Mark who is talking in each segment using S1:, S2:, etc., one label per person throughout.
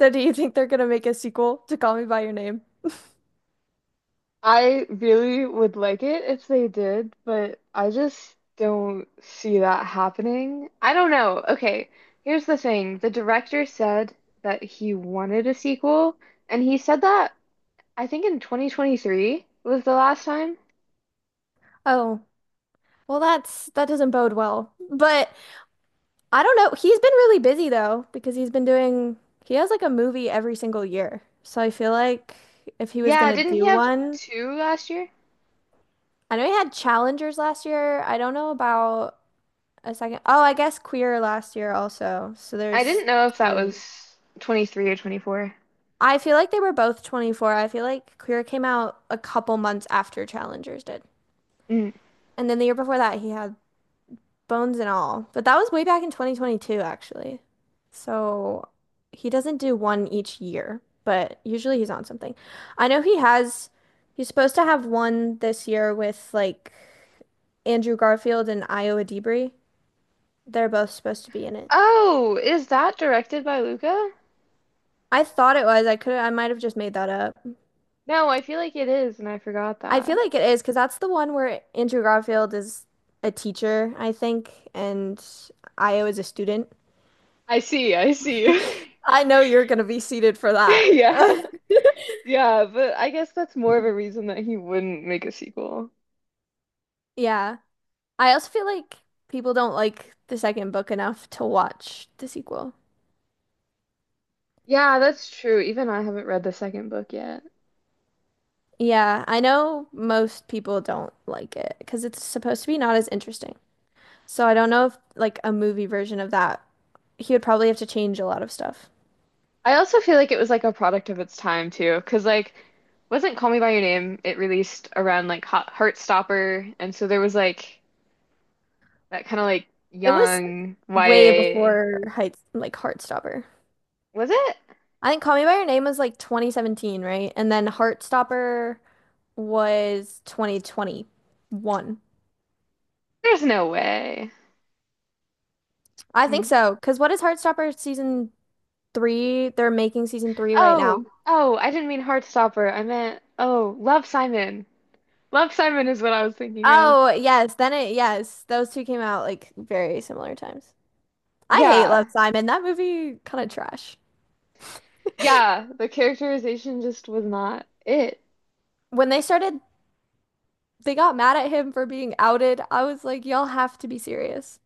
S1: So do you think they're gonna make a sequel to Call Me by Your Name?
S2: I really would like it if they did, but I just don't see that happening. I don't know. Okay, here's the thing. The director said that he wanted a sequel, and he said that I think in 2023 was the last time.
S1: Oh, well that doesn't bode well. But I don't know. He's been really busy though, because he's been doing he has like a movie every single year. So I feel like if he was
S2: Yeah,
S1: gonna
S2: didn't he
S1: do
S2: have
S1: one,
S2: two last year?
S1: I know he had Challengers last year. I don't know about a second. Oh, I guess Queer last year also. So
S2: I
S1: there's
S2: didn't know if that
S1: two.
S2: was 23 or 24.
S1: I feel like they were both 24. I feel like Queer came out a couple months after Challengers did.
S2: Mm.
S1: And then the year before that, he had Bones and All. But that was way back in 2022, actually. So he doesn't do one each year, but usually he's on something. I know he has, he's supposed to have one this year with like Andrew Garfield and Iowa Dibri. They're both supposed to be in it.
S2: Oh, is that directed by Luca?
S1: I thought it was. I might have just made that up.
S2: No, I feel like it is, and I forgot
S1: I feel
S2: that.
S1: like it is because that's the one where Andrew Garfield is a teacher, I think, and Io is a student.
S2: I see.
S1: I know you're gonna be seated for that.
S2: Yeah. Yeah, but I guess that's more of a reason that he wouldn't make a sequel.
S1: Yeah. I also feel like people don't like the second book enough to watch the sequel.
S2: Yeah, that's true. Even I haven't read the second book yet.
S1: Yeah, I know most people don't like it because it's supposed to be not as interesting. So I don't know if like a movie version of that, he would probably have to change a lot of stuff.
S2: I also feel like it was like a product of its time too, because wasn't Call Me by Your Name, it released around like Hot Heartstopper, and so there was like that kind of like
S1: It was
S2: young
S1: way
S2: YA.
S1: before Heights like Heartstopper.
S2: Was it?
S1: I think Call Me by Your Name was like 2017, right? And then Heartstopper was 2021.
S2: There's no way.
S1: I think
S2: Mm.
S1: so, because what is Heartstopper season three. They're making season three right
S2: Oh,
S1: now.
S2: oh, I didn't mean Heartstopper. I meant Love Simon. Love Simon is what I was thinking of.
S1: Oh, yes. Then yes. Those two came out like very similar times. I hate
S2: Yeah.
S1: Love, Simon. That movie kind of trash.
S2: Yeah, the characterization just was not it.
S1: When they started, they got mad at him for being outed. I was like, y'all have to be serious.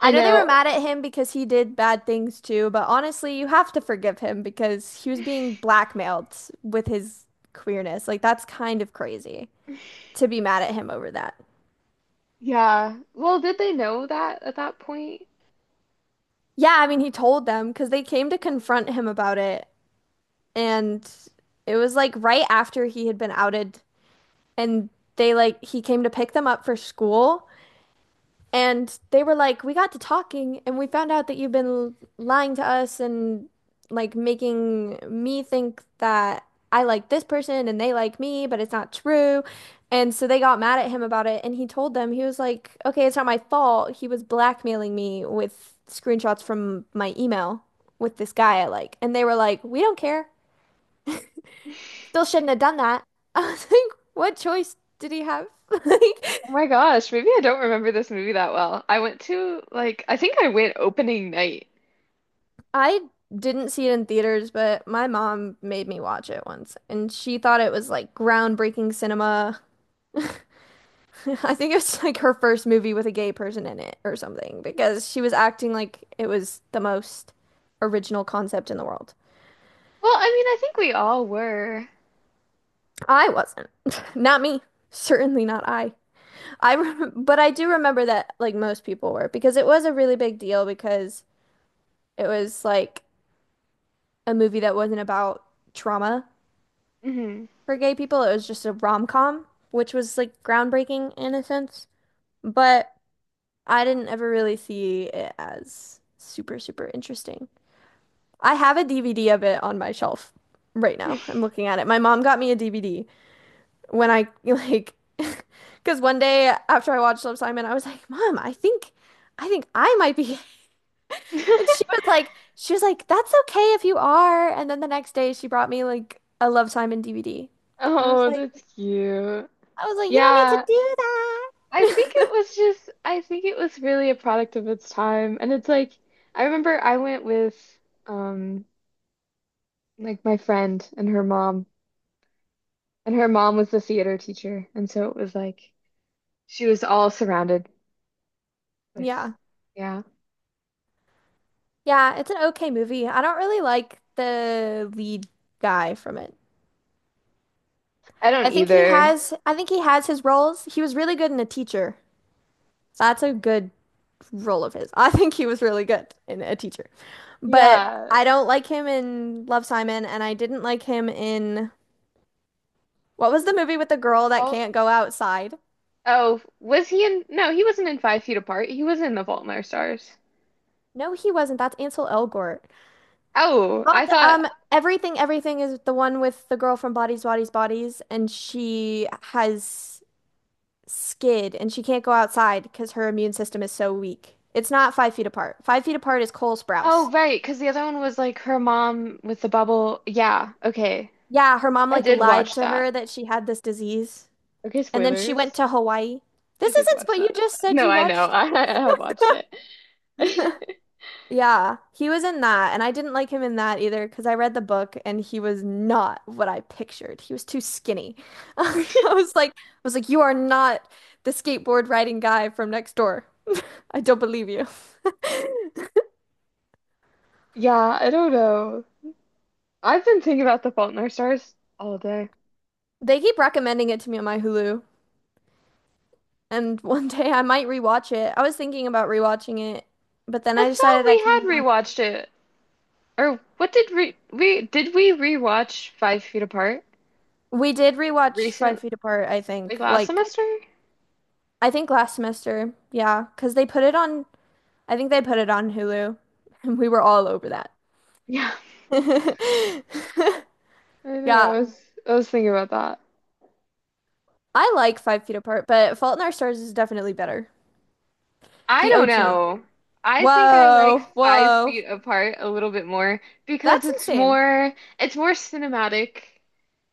S2: I
S1: I know they were
S2: know.
S1: mad at him because he did bad things too, but honestly, you have to forgive him because he was being blackmailed with his queerness. Like, that's kind of crazy to be mad at him over that.
S2: Yeah. Well, did they know that at that point?
S1: Yeah, I mean, he told them because they came to confront him about it. And it was like right after he had been outed, and they like he came to pick them up for school, and they were like, we got to talking and we found out that you've been lying to us and like making me think that I like this person and they like me, but it's not true. And so they got mad at him about it, and he told them, he was like, okay, it's not my fault, he was blackmailing me with screenshots from my email with this guy I like, and they were like, we don't care.
S2: Oh
S1: Still shouldn't have done that. I was like, what choice did he have? Like,
S2: my gosh, maybe I don't remember this movie that well. I went to like I went opening night.
S1: I didn't see it in theaters, but my mom made me watch it once, and she thought it was like groundbreaking cinema. I think it was like her first movie with a gay person in it or something because she was acting like it was the most original concept in the world.
S2: Well, I mean, I think we all were.
S1: I wasn't. Not me. Certainly not I. I rem but I do remember that like most people were because it was a really big deal because it was like a movie that wasn't about trauma
S2: Hmm.
S1: for gay people. It was just a rom-com, which was like groundbreaking in a sense. But I didn't ever really see it as super, super interesting. I have a DVD of it on my shelf right now. I'm looking at it. My mom got me a DVD when I like because one day after I watched Love Simon, I was like, "Mom, I think I might be And she was like, she was like, that's okay if you are. And then the next day she brought me like a Love Simon DVD. And I was
S2: Oh,
S1: like,
S2: that's cute.
S1: I was like, you don't need to
S2: Yeah,
S1: do that.
S2: I think it was really a product of its time. And it's like I remember I went with um my friend and her mom. And her mom was the theater teacher. And so it was like she was all surrounded with,
S1: Yeah.
S2: yeah.
S1: Yeah, it's an okay movie. I don't really like the lead guy from it.
S2: I
S1: I
S2: don't
S1: think he
S2: either.
S1: has I think he has his roles. He was really good in A Teacher. That's a good role of his. I think he was really good in A Teacher. But
S2: Yeah.
S1: I don't like him in Love Simon and I didn't like him in What was the movie with the
S2: The
S1: girl that
S2: fault.
S1: can't go outside?
S2: Oh, was he in? No, he wasn't in Five Feet Apart. He was in The Fault in Our Stars.
S1: No, he wasn't. That's Ansel Elgort.
S2: Oh,
S1: But
S2: I thought.
S1: Everything, Everything is the one with the girl from Bodies, Bodies, Bodies, and she has skid and she can't go outside because her immune system is so weak. It's not Five Feet Apart. Five Feet Apart is Cole
S2: Oh,
S1: Sprouse.
S2: right. Because the other one was like her mom with the bubble. Yeah. Okay.
S1: Yeah, her mom
S2: I
S1: like
S2: did
S1: lied
S2: watch
S1: to
S2: that.
S1: her that she had this disease,
S2: Okay,
S1: and then she went
S2: spoilers.
S1: to Hawaii.
S2: I
S1: This
S2: did
S1: isn't,
S2: watch
S1: but you
S2: that.
S1: just said
S2: No,
S1: you
S2: I know.
S1: watched.
S2: I have watched it.
S1: Yeah, he was in that, and I didn't like him in that either because I read the book and he was not what I pictured. He was too skinny. I I was like, you are not the skateboard riding guy from next door. I don't believe you.
S2: Yeah, I don't know. I've been thinking about The Fault in Our Stars all day.
S1: They keep recommending it to me on my Hulu, and one day I might rewatch it. I was thinking about rewatching it, but then
S2: I
S1: I
S2: thought
S1: decided I
S2: we
S1: kind
S2: had
S1: of want.
S2: rewatched it. Or what did we rewatch Five Feet Apart
S1: We did rewatch
S2: recently,
S1: Five Feet Apart, I
S2: like
S1: think.
S2: last
S1: Like,
S2: semester?
S1: I think last semester, yeah, because they put it on I think they put it on Hulu, and we were all over that.
S2: Yeah, I know.
S1: Yeah,
S2: I was thinking about that.
S1: I like Five Feet Apart, but Fault in Our Stars is definitely better.
S2: I
S1: The
S2: don't
S1: OG.
S2: know. I think I like
S1: Whoa,
S2: Five
S1: whoa.
S2: Feet Apart a little bit more because
S1: That's insane.
S2: it's more cinematic.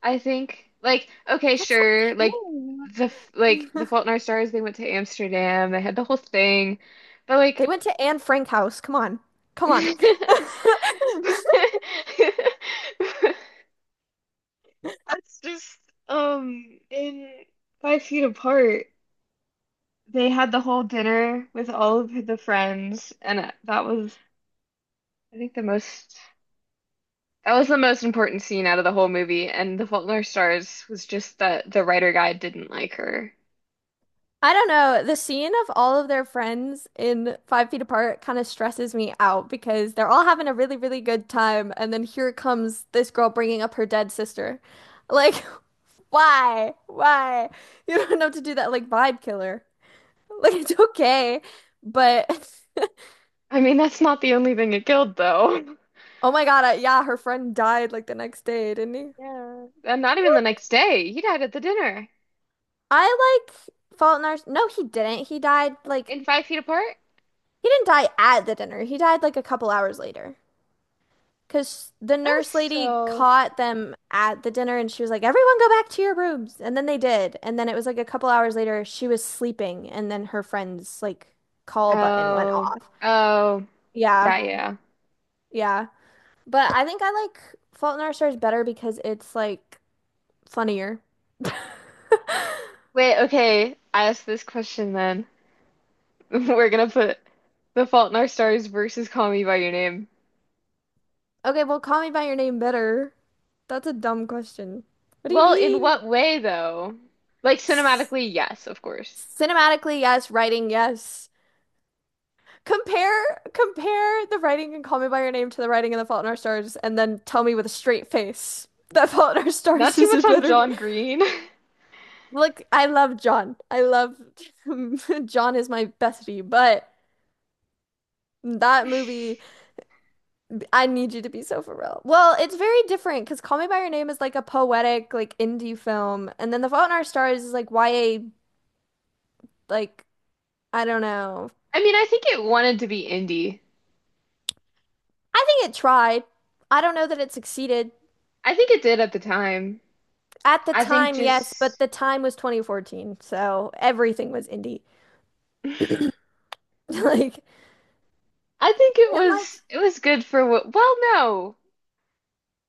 S2: I think like okay,
S1: That's
S2: sure,
S1: not
S2: like
S1: true.
S2: The Fault in Our Stars, they went to Amsterdam, they had the whole thing, but
S1: They
S2: like
S1: went to Anne Frank house. Come on. Come on.
S2: That's
S1: I
S2: just in Five Feet Apart. They had the whole dinner with all of the friends, and I think, the most that was the most important scene out of the whole movie. And The Fault in Our Stars was just that the writer guy didn't like her.
S1: don't know. The scene of all of their friends in Five Feet Apart kind of stresses me out because they're all having a really, really good time. And then here comes this girl bringing up her dead sister. Like, why? Why? You don't have to do that like vibe killer. Like it's okay, but
S2: I mean, that's not the only thing it killed, though.
S1: oh my God, yeah, her friend died like the next day, didn't he?
S2: Yeah. And not even the next day. He died at the dinner
S1: I like Fault in Our No, he didn't. He died like
S2: in Five Feet Apart.
S1: he didn't die at the dinner. He died like a couple hours later. Because the
S2: That was
S1: nurse lady
S2: still.
S1: caught them at the dinner and she was like, everyone go back to your rooms. And then they did. And then it was like a couple hours later, she was sleeping. And then her friend's like call button went
S2: Oh,
S1: off.
S2: oh,
S1: Yeah.
S2: yeah, yeah.
S1: Yeah. But I think I like Fault in Our Stars better because it's like funnier.
S2: Wait, okay. I asked this question then. We're gonna put The Fault in Our Stars versus Call Me by Your Name.
S1: Okay, well, Call Me by Your Name better. That's a dumb question. What do you
S2: Well, in
S1: mean?
S2: what way though? Like
S1: S-
S2: cinematically, yes, of course.
S1: Cinematically, yes. Writing, yes. Compare the writing in Call Me by Your Name to the writing in The Fault in Our Stars, and then tell me with a straight face that Fault in Our
S2: Not
S1: Stars
S2: too
S1: is a
S2: much on
S1: better.
S2: John Green.
S1: Look, I love John. I love John is my bestie, but that movie. I need you to be so for real. Well, it's very different because Call Me by Your Name is like a poetic, like indie film, and then The Fault in Our Stars is like YA, like I don't know.
S2: I mean, I think it wanted to be indie.
S1: I think it tried. I don't know that it succeeded
S2: I think it did at the time.
S1: at the
S2: I think
S1: time, yes, but
S2: just
S1: the time was 2014, so everything was indie. Like
S2: I think it
S1: and like
S2: was it was good for what, no.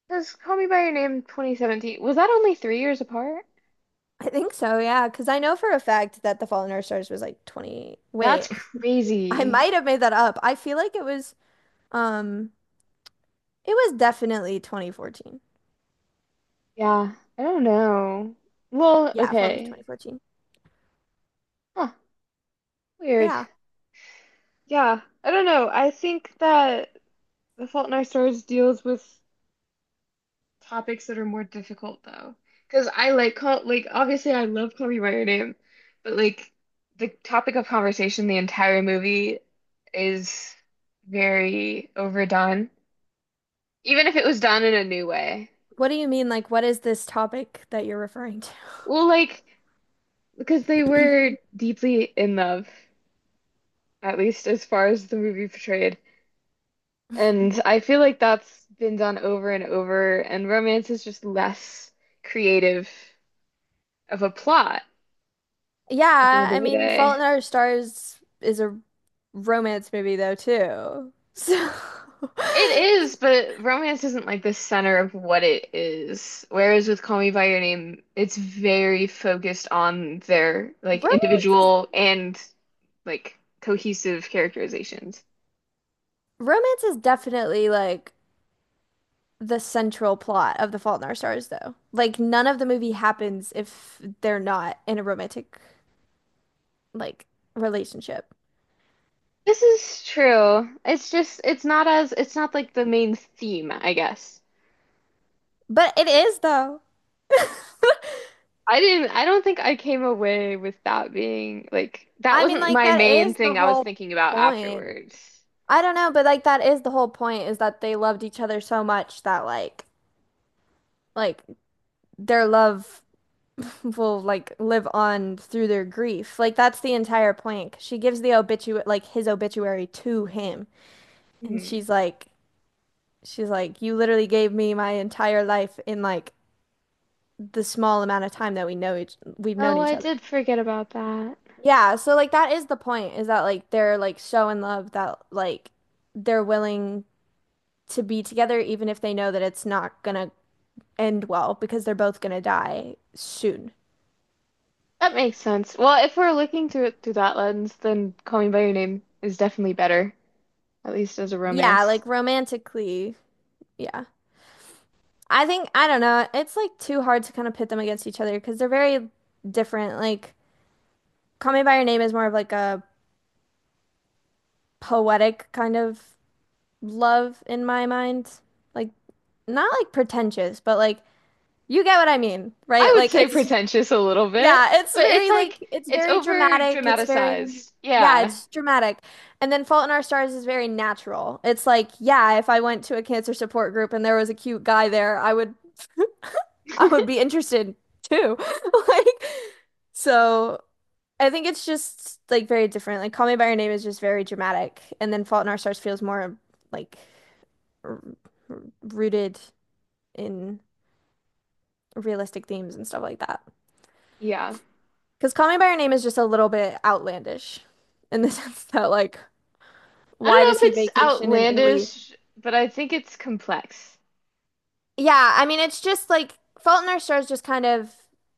S2: Because Call Me by Your Name 2017 was that only 3 years apart?
S1: I think so, yeah, because I know for a fact that The Fault in Our Stars was like 20.
S2: That's
S1: Wait, I
S2: crazy.
S1: might have made that up. I feel like um, it was definitely 2014.
S2: Yeah, I don't know. Well,
S1: Yeah, Fault in
S2: okay.
S1: 2014.
S2: Huh, weird.
S1: Yeah.
S2: Yeah, I don't know. I think that The Fault in Our Stars deals with topics that are more difficult though. Because I like call like obviously I love Call Me by Your Name, but like the topic of conversation the entire movie is very overdone. Even if it was done in a new way.
S1: What do you mean? Like, what is this topic that you're referring to?
S2: Well, like because they were deeply in love, at least as far as the movie portrayed. And I feel like that's been done over and over, and romance is just less creative of a plot at the
S1: Yeah,
S2: end of
S1: I
S2: the
S1: mean, Fault in
S2: day.
S1: Our Stars is a romance movie though too. So
S2: It is, but romance isn't like the center of what it is. Whereas with Call Me by Your Name, it's very focused on their like
S1: romance is
S2: individual and like cohesive characterizations.
S1: romance is definitely like the central plot of The Fault in Our Stars though. Like none of the movie happens if they're not in a romantic like relationship.
S2: This is true. It's just it's not like the main theme, I guess.
S1: But it is though.
S2: I don't think I came away with that being like, that
S1: I mean,
S2: wasn't
S1: like
S2: my
S1: that
S2: main
S1: is the
S2: thing I was
S1: whole
S2: thinking about
S1: point.
S2: afterwards.
S1: I don't know, but like that is the whole point is that they loved each other so much that like their love will like live on through their grief. Like that's the entire point. 'Cause she gives the obitu like his obituary to him, and
S2: Hmm.
S1: she's like you literally gave me my entire life in like the small amount of time that we know each we've known
S2: Oh,
S1: each
S2: I
S1: other.
S2: did forget about that.
S1: Yeah, so like that is the point is that like they're like so in love that like they're willing to be together even if they know that it's not gonna end well because they're both gonna die soon.
S2: That makes sense. Well, if we're looking through it through that lens, then Call Me by Your Name is definitely better, at least as a
S1: Yeah,
S2: romance.
S1: like romantically, yeah. I think I don't know. It's like too hard to kind of pit them against each other because they're very different. Like Call Me by Your Name is more of like a poetic kind of love in my mind. Like not like pretentious, but like you get what I mean,
S2: I
S1: right?
S2: would
S1: Like
S2: say
S1: it's
S2: pretentious a little bit,
S1: yeah, it's
S2: but it's
S1: very like
S2: like,
S1: it's
S2: it's
S1: very
S2: over
S1: dramatic. It's very
S2: dramatized.
S1: yeah,
S2: Yeah.
S1: it's dramatic. And then Fault in Our Stars is very natural. It's like, yeah, if I went to a cancer support group and there was a cute guy there, I would I would be interested too. Like so I think it's just like very different. Like Call Me by Your Name is just very dramatic and then Fault in Our Stars feels more like r- rooted in realistic themes and stuff like that.
S2: Yeah.
S1: Because Call Me by Your Name is just a little bit outlandish in the sense that, like,
S2: I don't
S1: why
S2: know
S1: does he
S2: if it's
S1: vacation in Italy?
S2: outlandish, but I think it's complex.
S1: Yeah, I mean, it's just like Fault in Our Stars just kind of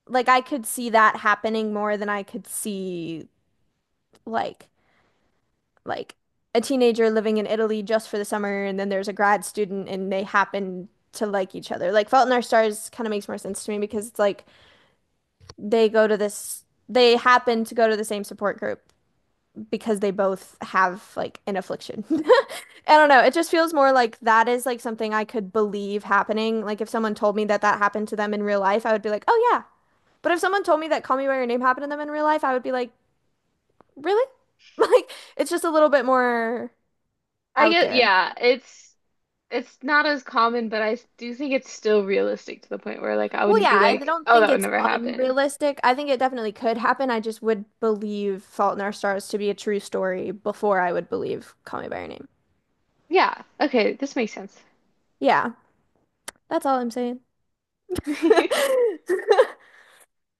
S1: like I could see that happening more than I could see like like a teenager living in Italy just for the summer and then there's a grad student and they happen to like each other. Like Fault in Our Stars kind of makes more sense to me because it's like they go to this they happen to go to the same support group because they both have like an affliction. I don't know. It just feels more like that is like something I could believe happening. Like if someone told me that that happened to them in real life, I would be like, "Oh yeah." But if someone told me that Call Me by Your Name happened to them in real life, I would be like, "Really?" Like it's just a little bit more
S2: I
S1: out
S2: guess,
S1: there.
S2: yeah, it's. It's not as common, but I s- do think it's still realistic to the point where like I
S1: Well,
S2: wouldn't
S1: yeah,
S2: be
S1: I
S2: like,
S1: don't
S2: oh,
S1: think
S2: that would
S1: it's
S2: never happen.
S1: unrealistic. I think it definitely could happen. I just would believe Fault in Our Stars to be a true story before I would believe Call Me by Your Name.
S2: Yeah, okay, this makes sense.
S1: Yeah, that's all I'm saying.